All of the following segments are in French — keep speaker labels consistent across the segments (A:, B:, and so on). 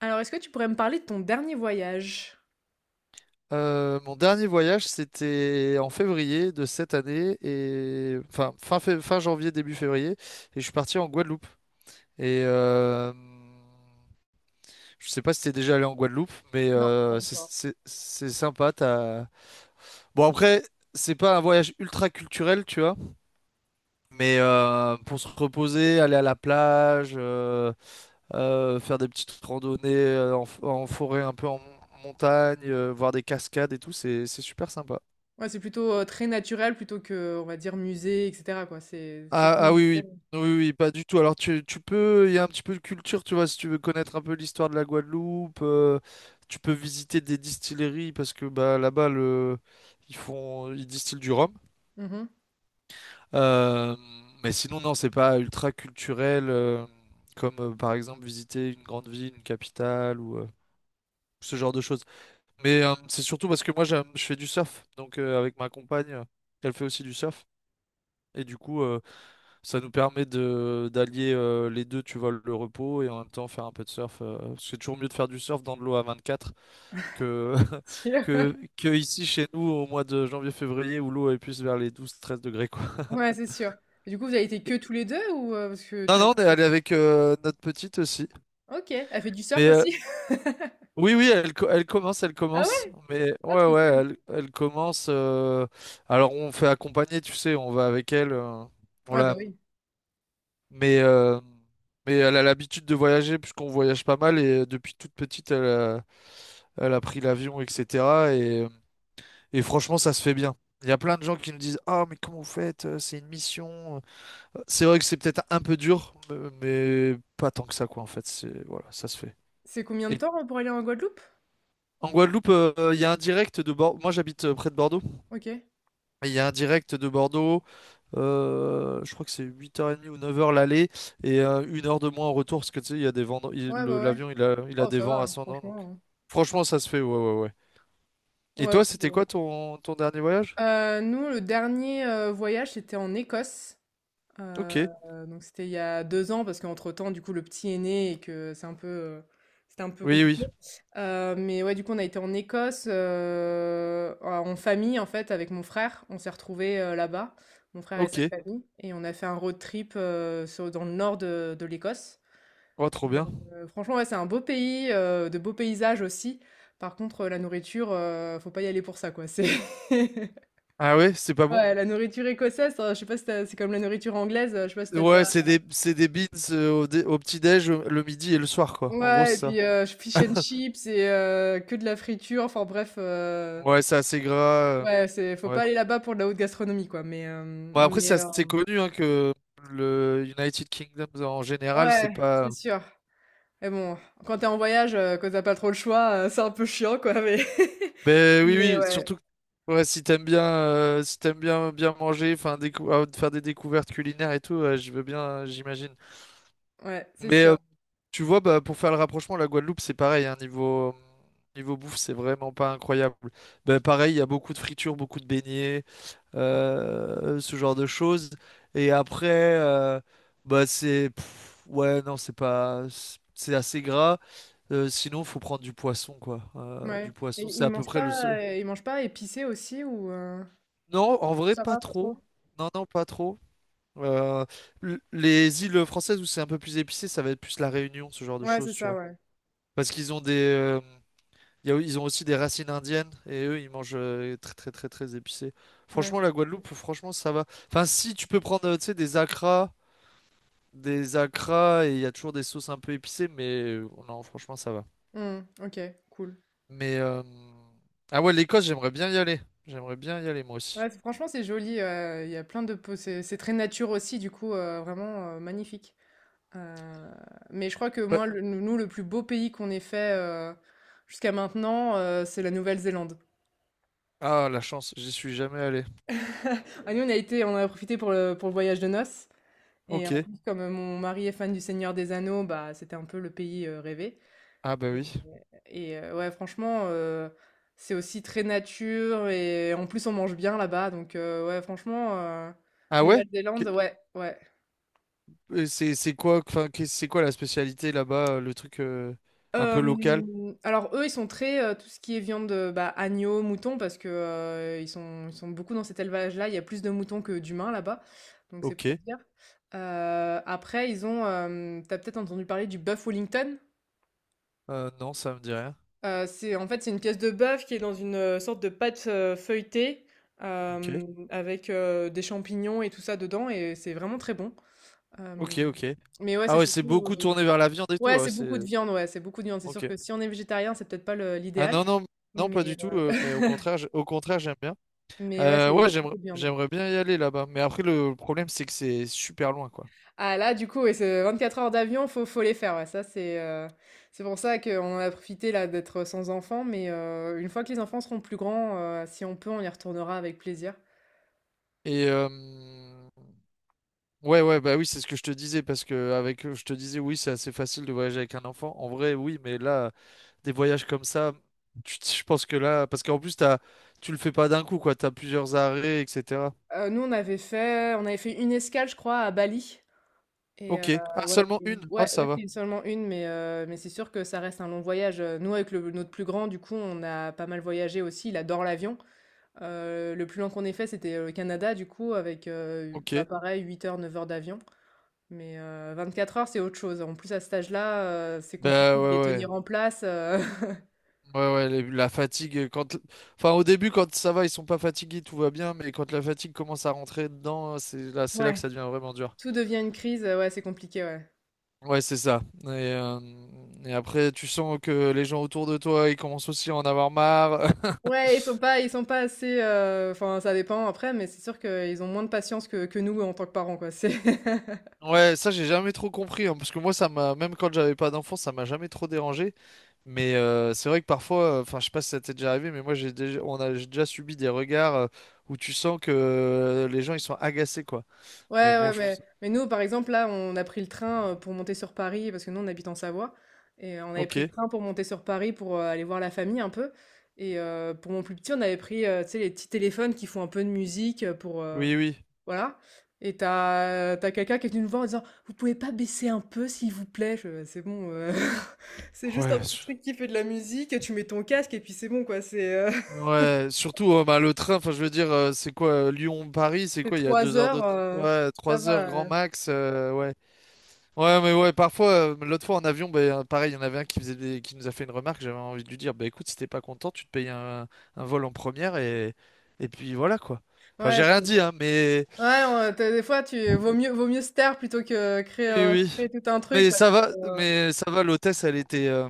A: Alors, est-ce que tu pourrais me parler de ton dernier voyage?
B: Mon dernier voyage, c'était en février de cette année, et fin janvier, début février, et je suis parti en Guadeloupe. Et euh, je sais pas si t'es déjà allé en Guadeloupe, mais c'est sympa. Bon après, c'est pas un voyage ultra culturel, tu vois, mais pour se reposer, aller à la plage, faire des petites randonnées en forêt, un peu en montagne, voir des cascades et tout, c'est super sympa.
A: Ouais, c'est plutôt, très naturel plutôt que, on va dire musée et cetera quoi, c'est
B: Ah,
A: surtout.
B: oui, oui, oui, oui, pas du tout. Alors tu peux, il y a un petit peu de culture, tu vois, si tu veux connaître un peu l'histoire de la Guadeloupe, tu peux visiter des distilleries parce que bah ils distillent du rhum.
A: Mmh mh.
B: Euh, mais sinon non, c'est pas ultra culturel comme par exemple visiter une grande ville, une capitale ou ce genre de choses. Mais c'est surtout parce que je fais du surf, donc avec ma compagne, elle fait aussi du surf et du coup. Ça nous permet de d'allier les deux, tu vois, le repos et en même temps faire un peu de surf. Parce que c'est toujours mieux de faire du surf dans de l'eau à 24 que,
A: Sûr.
B: que ici chez nous au mois de janvier-février où l'eau est plus vers les 12-13 degrés, quoi.
A: Ouais, c'est sûr. Et du coup, vous avez été que
B: Et-
A: tous les 2 ou, parce que tu
B: Non,
A: m'as
B: non, on est
A: dit.
B: allé avec notre petite aussi.
A: OK, elle fait du surf
B: Mais
A: aussi?
B: oui, oui, elle commence, elle
A: Ah
B: commence.
A: ouais?
B: Mais
A: Ah
B: ouais,
A: trop
B: ouais,
A: cool.
B: elle commence. Alors on fait accompagner, tu sais, on va avec elle. On
A: Ouais, bah
B: la,
A: oui.
B: Mais, euh, mais elle a l'habitude de voyager puisqu'on voyage pas mal et depuis toute petite, elle a pris l'avion, etc. Et, euh, et franchement, ça se fait bien. Il y a plein de gens qui nous disent, Ah, mais comment vous faites? C'est une mission. C'est vrai que c'est peut-être un peu dur, mais pas tant que ça, quoi, en fait. C'est, voilà, ça se fait.
A: C'est combien de
B: Et
A: temps, pour aller en Guadeloupe?
B: en Guadeloupe, il y a un direct de Bordeaux. Moi, j'habite près de Bordeaux.
A: OK.
B: Il y a un direct de Bordeaux, je crois que c'est 8h30 ou 9 heures l'aller, et une heure de moins en retour, parce que tu sais, il y a des vents,
A: Ouais, bah ouais.
B: l'avion, il a
A: Oh
B: des
A: ça va,
B: vents
A: hein,
B: ascendants, donc
A: franchement, hein.
B: franchement, ça se fait, ouais, ouais, ouais. Et
A: Ouais,
B: toi,
A: parce que,
B: c'était quoi ton dernier voyage?
A: nous le dernier, voyage c'était en Écosse. Heu,
B: Ok,
A: donc c'était il y a 2 ans parce qu'entre-temps, du coup, le petit est né et que c'est un peu, c'était un peu
B: oui, oui,
A: compliqué. Mais ouais, du coup, on a été en Écosse, en famille, en fait, avec mon frère. On s'est retrouvés, là-bas, mon frère et
B: ok,
A: sa famille et on a fait un road trip, sur dans le nord de l'Écosse
B: oh, trop
A: et
B: bien.
A: franchement, ouais, c'est un beau pays, de beaux paysages aussi. Par contre, la nourriture, faut pas y aller pour ça, quoi. C'est
B: Ah ouais, c'est pas bon?
A: ouais, la nourriture écossaise, je sais pas si tu c'est comme la nourriture anglaise, je sais pas si t'as
B: Ouais,
A: déjà.
B: c'est des beans au petit-déj, le midi et le soir, quoi, en gros,
A: Ouais et
B: c'est ça.
A: puis, fish and chips et que de la friture, enfin bref,
B: Ouais, c'est assez gras, euh,
A: ouais, c'est faut
B: ouais.
A: pas aller là-bas pour de la haute gastronomie quoi, mais
B: Bon, après, c'est
A: mais
B: assez connu, hein, que le United Kingdom, en général, c'est
A: ouais, c'est
B: pas...
A: sûr. Mais bon, quand t'es en voyage, que tu pas trop le choix, c'est un peu chiant quoi, mais
B: Ben oui,
A: mais
B: oui,
A: ouais,
B: surtout que ouais, si t'aimes bien, si t'aimes bien bien manger, faire des découvertes culinaires et tout, ouais, je veux bien, j'imagine.
A: ouais, c'est
B: Mais
A: sûr,
B: tu vois, bah, pour faire le rapprochement, la Guadeloupe, c'est pareil, hein, niveau bouffe, c'est vraiment pas incroyable. Ben, pareil, il y a beaucoup de fritures, beaucoup de beignets, ce genre de choses. Et après, euh, bah c'est pff, ouais, non, c'est pas, C'est assez gras. Sinon, faut prendre du poisson, quoi.
A: ouais
B: Du poisson,
A: et
B: c'est
A: ils
B: à peu
A: mangent
B: près le
A: pas,
B: seul.
A: heu, ils mangent pas épicé aussi ou
B: Non, en vrai,
A: ça
B: pas
A: va pas
B: trop.
A: trop?
B: Non, non, pas trop. Euh, les îles françaises où c'est un peu plus épicé, ça va être plus la Réunion, ce genre de
A: Ouais,
B: choses,
A: c'est
B: tu
A: ça,
B: vois.
A: ouais,
B: Parce qu'ils ont des, y a- Ils ont aussi des racines indiennes et eux, ils mangent très, très, très, très épicé.
A: ouais.
B: Franchement, la Guadeloupe, franchement, ça va. Enfin, si tu peux prendre, tu sais, des acras et il y a toujours des sauces un peu épicées, mais non, franchement, ça va.
A: Mmh, OK, cool.
B: Mais ah ouais, l'Écosse, j'aimerais bien y aller. J'aimerais bien y aller moi
A: Ouais,
B: aussi.
A: franchement, c'est joli. Il y a plein de c'est très nature aussi, du coup, vraiment magnifique. Euh, mais je crois que
B: Ouais.
A: moi, nous, le plus beau pays qu'on ait fait jusqu'à maintenant, c'est la Nouvelle-Zélande.
B: Ah, la chance, j'y suis jamais allé.
A: Ah, nous, on a été, on a profité pour le voyage de noces. Et en
B: Ok.
A: plus, comme mon mari est fan du Seigneur des Anneaux, bah, c'était un peu le pays rêvé.
B: Ah bah
A: Et,
B: oui.
A: ouais, franchement, c'est aussi très nature. Et en plus, on mange bien là-bas. Donc, ouais, franchement,
B: Ah ouais?
A: Nouvelle-Zélande,
B: Qu'est-
A: ouais, ouais.
B: c'est quoi la spécialité là-bas, le truc un peu local?
A: Alors eux, ils sont très, tout ce qui est viande, bah, agneau, mouton parce que, ils sont beaucoup dans cet élevage-là. Il y a plus de moutons que d'humains là-bas, donc c'est pour
B: Ok.
A: dire. Après ils ont, tu peut-être entendu parler du bœuf Wellington?
B: Non, ça me dit rien.
A: C'est en fait, c'est une pièce de bœuf qui est dans une, sorte de pâte, feuilletée,
B: Ok.
A: avec, des champignons et tout ça dedans et c'est vraiment très bon. Euh,
B: Ok, ok.
A: mais ouais,
B: Ah
A: c'est
B: ouais, c'est
A: surtout.
B: beaucoup tourné vers la viande et tout.
A: Ouais,
B: Ah ouais,
A: c'est beaucoup
B: c'est.
A: de viande, ouais, c'est beaucoup de viande. C'est
B: Ok.
A: sûr que si on est végétarien, c'est peut-être pas
B: Ah
A: l'idéal.
B: non, non, non, pas
A: Mais,
B: du tout.
A: euh,
B: Mais au contraire, au contraire, j'aime bien.
A: mais ouais, c'est
B: Ouais,
A: c'est beaucoup de viande.
B: j'aimerais bien y aller là-bas. Mais après, le problème, c'est que c'est super loin, quoi.
A: Ah là, du coup, ouais, c'est 24 heures d'avion, faut les faire. Ouais, ça, c'est pour ça qu'on en a profité là d'être sans enfants. Mais une fois que les enfants seront plus grands, si on peut, on y retournera avec plaisir.
B: Et euh, ouais, ouais, bah oui, c'est ce que je te disais parce que avec, je te disais, oui, c'est assez facile de voyager avec un enfant. En vrai, oui, mais là. Des voyages comme ça, je pense que là, parce qu'en plus, tu le fais pas d'un coup, quoi. T'as plusieurs arrêts, etc.
A: Nous, on avait fait une escale, je crois, à Bali. Et
B: Ok. Ah,
A: ouais,
B: seulement
A: c'est une
B: une. Ah,
A: ouais,
B: ça
A: ouais,
B: va.
A: c'est seulement une, mais mais c'est sûr que ça reste un long voyage, Nous, avec le notre plus grand, du coup, on a pas mal voyagé aussi. Il adore l'avion. Le plus long qu'on ait fait, c'était, le Canada, du coup, avec,
B: Ok.
A: bah, pareil, 8 heures, 9 heures d'avion. Mais 24 heures, c'est autre chose. En plus, à cet âge-là, c'est
B: Bah
A: compliqué de les
B: ouais, ouais.
A: tenir en place,
B: Ouais, ouais, la fatigue, quand... Enfin, au début, quand ça va, ils sont pas fatigués, tout va bien, mais quand la fatigue commence à rentrer dedans, c'est là que
A: Ouais,
B: ça devient vraiment dur.
A: tout devient une crise, ouais, c'est compliqué, ouais.
B: Ouais, c'est ça. Et après, tu sens que les gens autour de toi, ils commencent aussi à en avoir marre.
A: Ouais, ils sont pas assez, enfin, ça dépend après, mais c'est sûr qu'ils ont moins de patience que nous en tant que parents, quoi. C'est
B: Ouais, ça j'ai jamais trop compris, hein, parce que moi ça m'a, même quand j'avais pas d'enfant, ça m'a jamais trop dérangé. Mais c'est vrai que parfois, enfin je sais pas si ça t'est déjà arrivé, mais moi j'ai déjà, j'ai déjà subi des regards où tu sens que les gens ils sont agacés quoi. Mais
A: ouais, ouais,
B: bon,
A: donc,
B: je trouve
A: mais,
B: ça.
A: mais nous, par exemple, là, on a pris le train pour monter sur Paris, parce que nous, on habite en Savoie, et on avait pris le
B: Ok,
A: train pour monter sur Paris pour aller voir la famille un peu. Et pour mon plus petit, on avait pris, tu sais, les petits téléphones qui font un peu de musique pour...
B: oui, oui.
A: voilà. Et t'as quelqu'un qui est venu nous voir en disant, vous pouvez pas baisser un peu, s'il vous plaît? C'est bon, c'est juste un
B: Ouais,
A: petit
B: su-
A: truc qui fait de la musique, tu mets ton casque, et puis c'est bon, quoi. C'est
B: ouais. Surtout bah, le train, enfin je veux dire, c'est quoi Lyon-Paris, c'est
A: c'est
B: quoi? Il y a
A: trois
B: 2 heures de,
A: heures,
B: train, ouais,
A: ça
B: 3 heures
A: va.
B: grand max, ouais. Ouais, mais ouais, parfois, l'autre fois en avion, ben, pareil, il y en avait un qui nous a fait une remarque, j'avais envie de lui dire, bah écoute, si t'es pas content, tu te payes un vol en première et puis voilà quoi. Enfin, j'ai
A: Ouais,
B: rien dit, hein, mais
A: Ouais, on tu des fois, tu vaut mieux se taire plutôt que créer,
B: oui,
A: heu,
B: oui.
A: créer tout un truc parce que,
B: Mais ça va,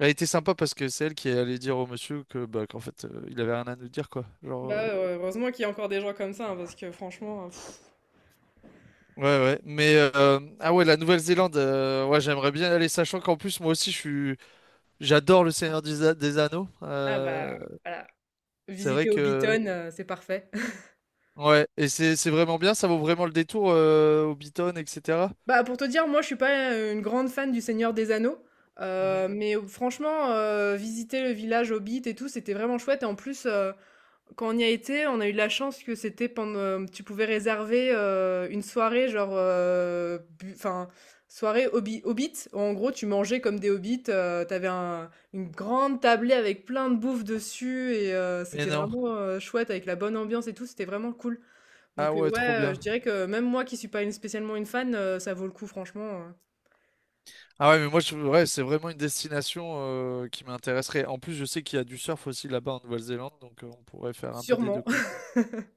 B: elle était sympa parce que c'est elle qui est allée dire au monsieur que bah qu'en fait, il avait rien à nous dire quoi. Genre,
A: là, heureusement qu'il y a encore des gens comme ça, hein, parce que franchement,
B: ouais, ouais. Mais ah ouais, la Nouvelle-Zélande, ouais, j'aimerais bien aller, sachant qu'en plus, moi aussi, j'adore le Seigneur des Anneaux.
A: ah bah, voilà,
B: C'est vrai
A: visiter
B: que
A: Hobbiton, c'est parfait.
B: ouais, et c'est vraiment bien, ça vaut vraiment le détour, Hobbiton, etc.
A: Bah, pour te dire, moi, je suis pas, une grande fan du Seigneur des Anneaux,
B: Mhm.
A: mais franchement, visiter le village Hobbit et tout, c'était vraiment chouette et en plus, quand on y a été, on a eu de la chance que c'était pendant tu pouvais réserver, une soirée genre, bu enfin, soirée hobby hobbit. En gros, tu mangeais comme des hobbits, tu un une grande tablée avec plein de bouffe dessus et
B: Mais
A: c'était
B: non.
A: vraiment, chouette avec la bonne ambiance et tout, c'était vraiment cool.
B: Ah
A: Donc,
B: ouais,
A: ouais,
B: trop
A: je
B: bien.
A: dirais que même moi qui suis pas une spécialement une fan, ça vaut le coup franchement,
B: Ah ouais, mais moi, ouais, c'est vraiment une destination qui m'intéresserait. En plus, je sais qu'il y a du surf aussi là-bas en Nouvelle-Zélande, donc on pourrait faire un peu des
A: sûrement.
B: deux, quoi.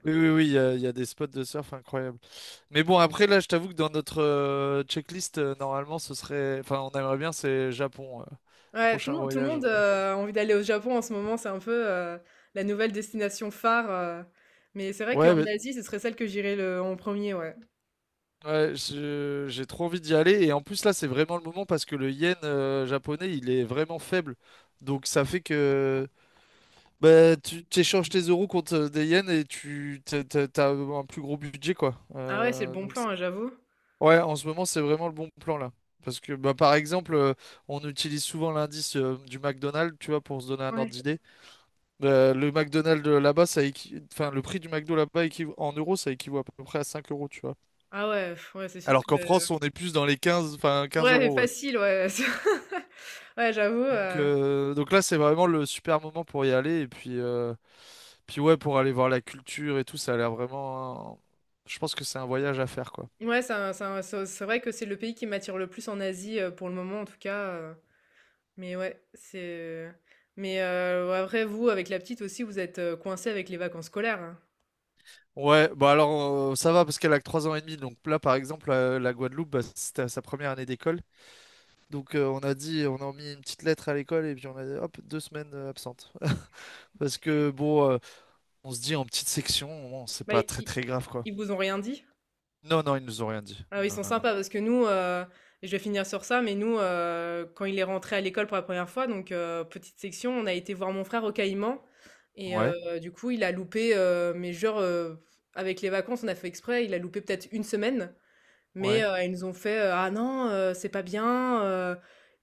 B: Oui, oui, oui, il y a des spots de surf incroyables. Mais bon, après, là, je t'avoue que dans notre checklist, normalement, ce serait... Enfin, on aimerait bien, c'est Japon,
A: Ouais, tout
B: prochain
A: le monde tout le
B: voyage.
A: monde, a envie d'aller au Japon en ce moment, c'est un peu, la nouvelle destination phare, mais c'est vrai
B: Ouais,
A: qu'en
B: mais
A: Asie, ce serait celle que j'irais le en premier ouais.
B: ouais, j'ai trop envie d'y aller. Et en plus, là, c'est vraiment le moment parce que le yen japonais, il est vraiment faible. Donc, ça fait que bah, tu échanges tes euros contre des yens et t'as un plus gros budget, quoi.
A: Ah ouais, c'est le bon
B: Donc,
A: plan, hein, j'avoue.
B: ouais, en ce moment, c'est vraiment le bon plan, là. Parce que, bah, par exemple, on utilise souvent l'indice du McDonald's, tu vois, pour se donner un ordre
A: Ouais.
B: d'idée. Le McDonald's là-bas, le prix du McDo là-bas en euros, ça équivaut à peu près à 5 euros, tu vois.
A: Ah ouais, pff, ouais, c'est sûr
B: Alors
A: que
B: qu'en France, on est plus dans les 15, enfin 15
A: ouais,
B: euros, ouais.
A: facile, ouais. Ouais, j'avoue,
B: Donc là, c'est vraiment le super moment pour y aller. Et puis, puis ouais, pour aller voir la culture et tout, ça a l'air vraiment. Je pense que c'est un voyage à faire, quoi.
A: ouais, c'est vrai que c'est le pays qui m'attire le plus en Asie, pour le moment en tout cas, mais ouais, c'est mais ouais, après vous, avec la petite aussi, vous êtes, coincé avec les vacances scolaires, hein?
B: Ouais, bah alors ça va parce qu'elle a que 3 ans et demi. Donc là, par exemple, la Guadeloupe, bah, c'était à sa première année d'école. Donc on a dit, on a mis une petite lettre à l'école et puis on a dit, hop, 2 semaines absentes. Parce que bon, on se dit en petite section, bon, c'est
A: Bah,
B: pas très très grave, quoi.
A: ils vous ont rien dit?
B: Non, non, ils nous ont rien dit.
A: Alors ils
B: Non,
A: sont
B: non, non.
A: sympas parce que nous, je vais finir sur ça, mais nous, quand il est rentré à l'école pour la première fois, donc petite section, on a été voir mon frère au Caïman et
B: Ouais,
A: du coup, il a loupé, mais genre, avec les vacances, on a fait exprès, il a loupé peut-être une semaine, mais
B: ouais.
A: ils nous ont fait, «Ah non, c'est pas bien, heu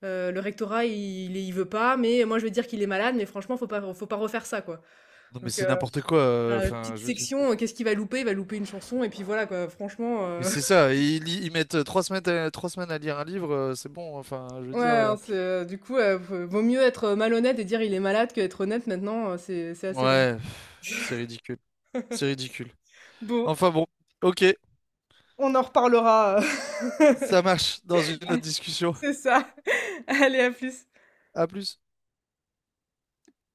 A: heu, le rectorat il veut pas, mais moi je veux dire qu'il est malade, mais franchement faut pas refaire ça quoi».
B: Non, mais
A: Donc
B: c'est n'importe quoi,
A: voilà, OK.
B: enfin,
A: Petite
B: je veux dire.
A: section, qu'est-ce qu'il va louper? Il va louper une chanson et puis voilà quoi, franchement,
B: Mais c'est ça, ils mettent 3 semaines à lire un livre, c'est bon, enfin, je veux
A: ouais,
B: dire.
A: hein, c'est, du coup, v vaut mieux être, malhonnête et dire: «Il est malade» que être honnête maintenant, c'est assez dingue.
B: Ouais, pff, c'est ridicule.
A: Bon,
B: Enfin bon, ok,
A: on en reparlera,
B: ça marche dans une autre discussion.
A: C'est ça. Allez, à plus.
B: À plus.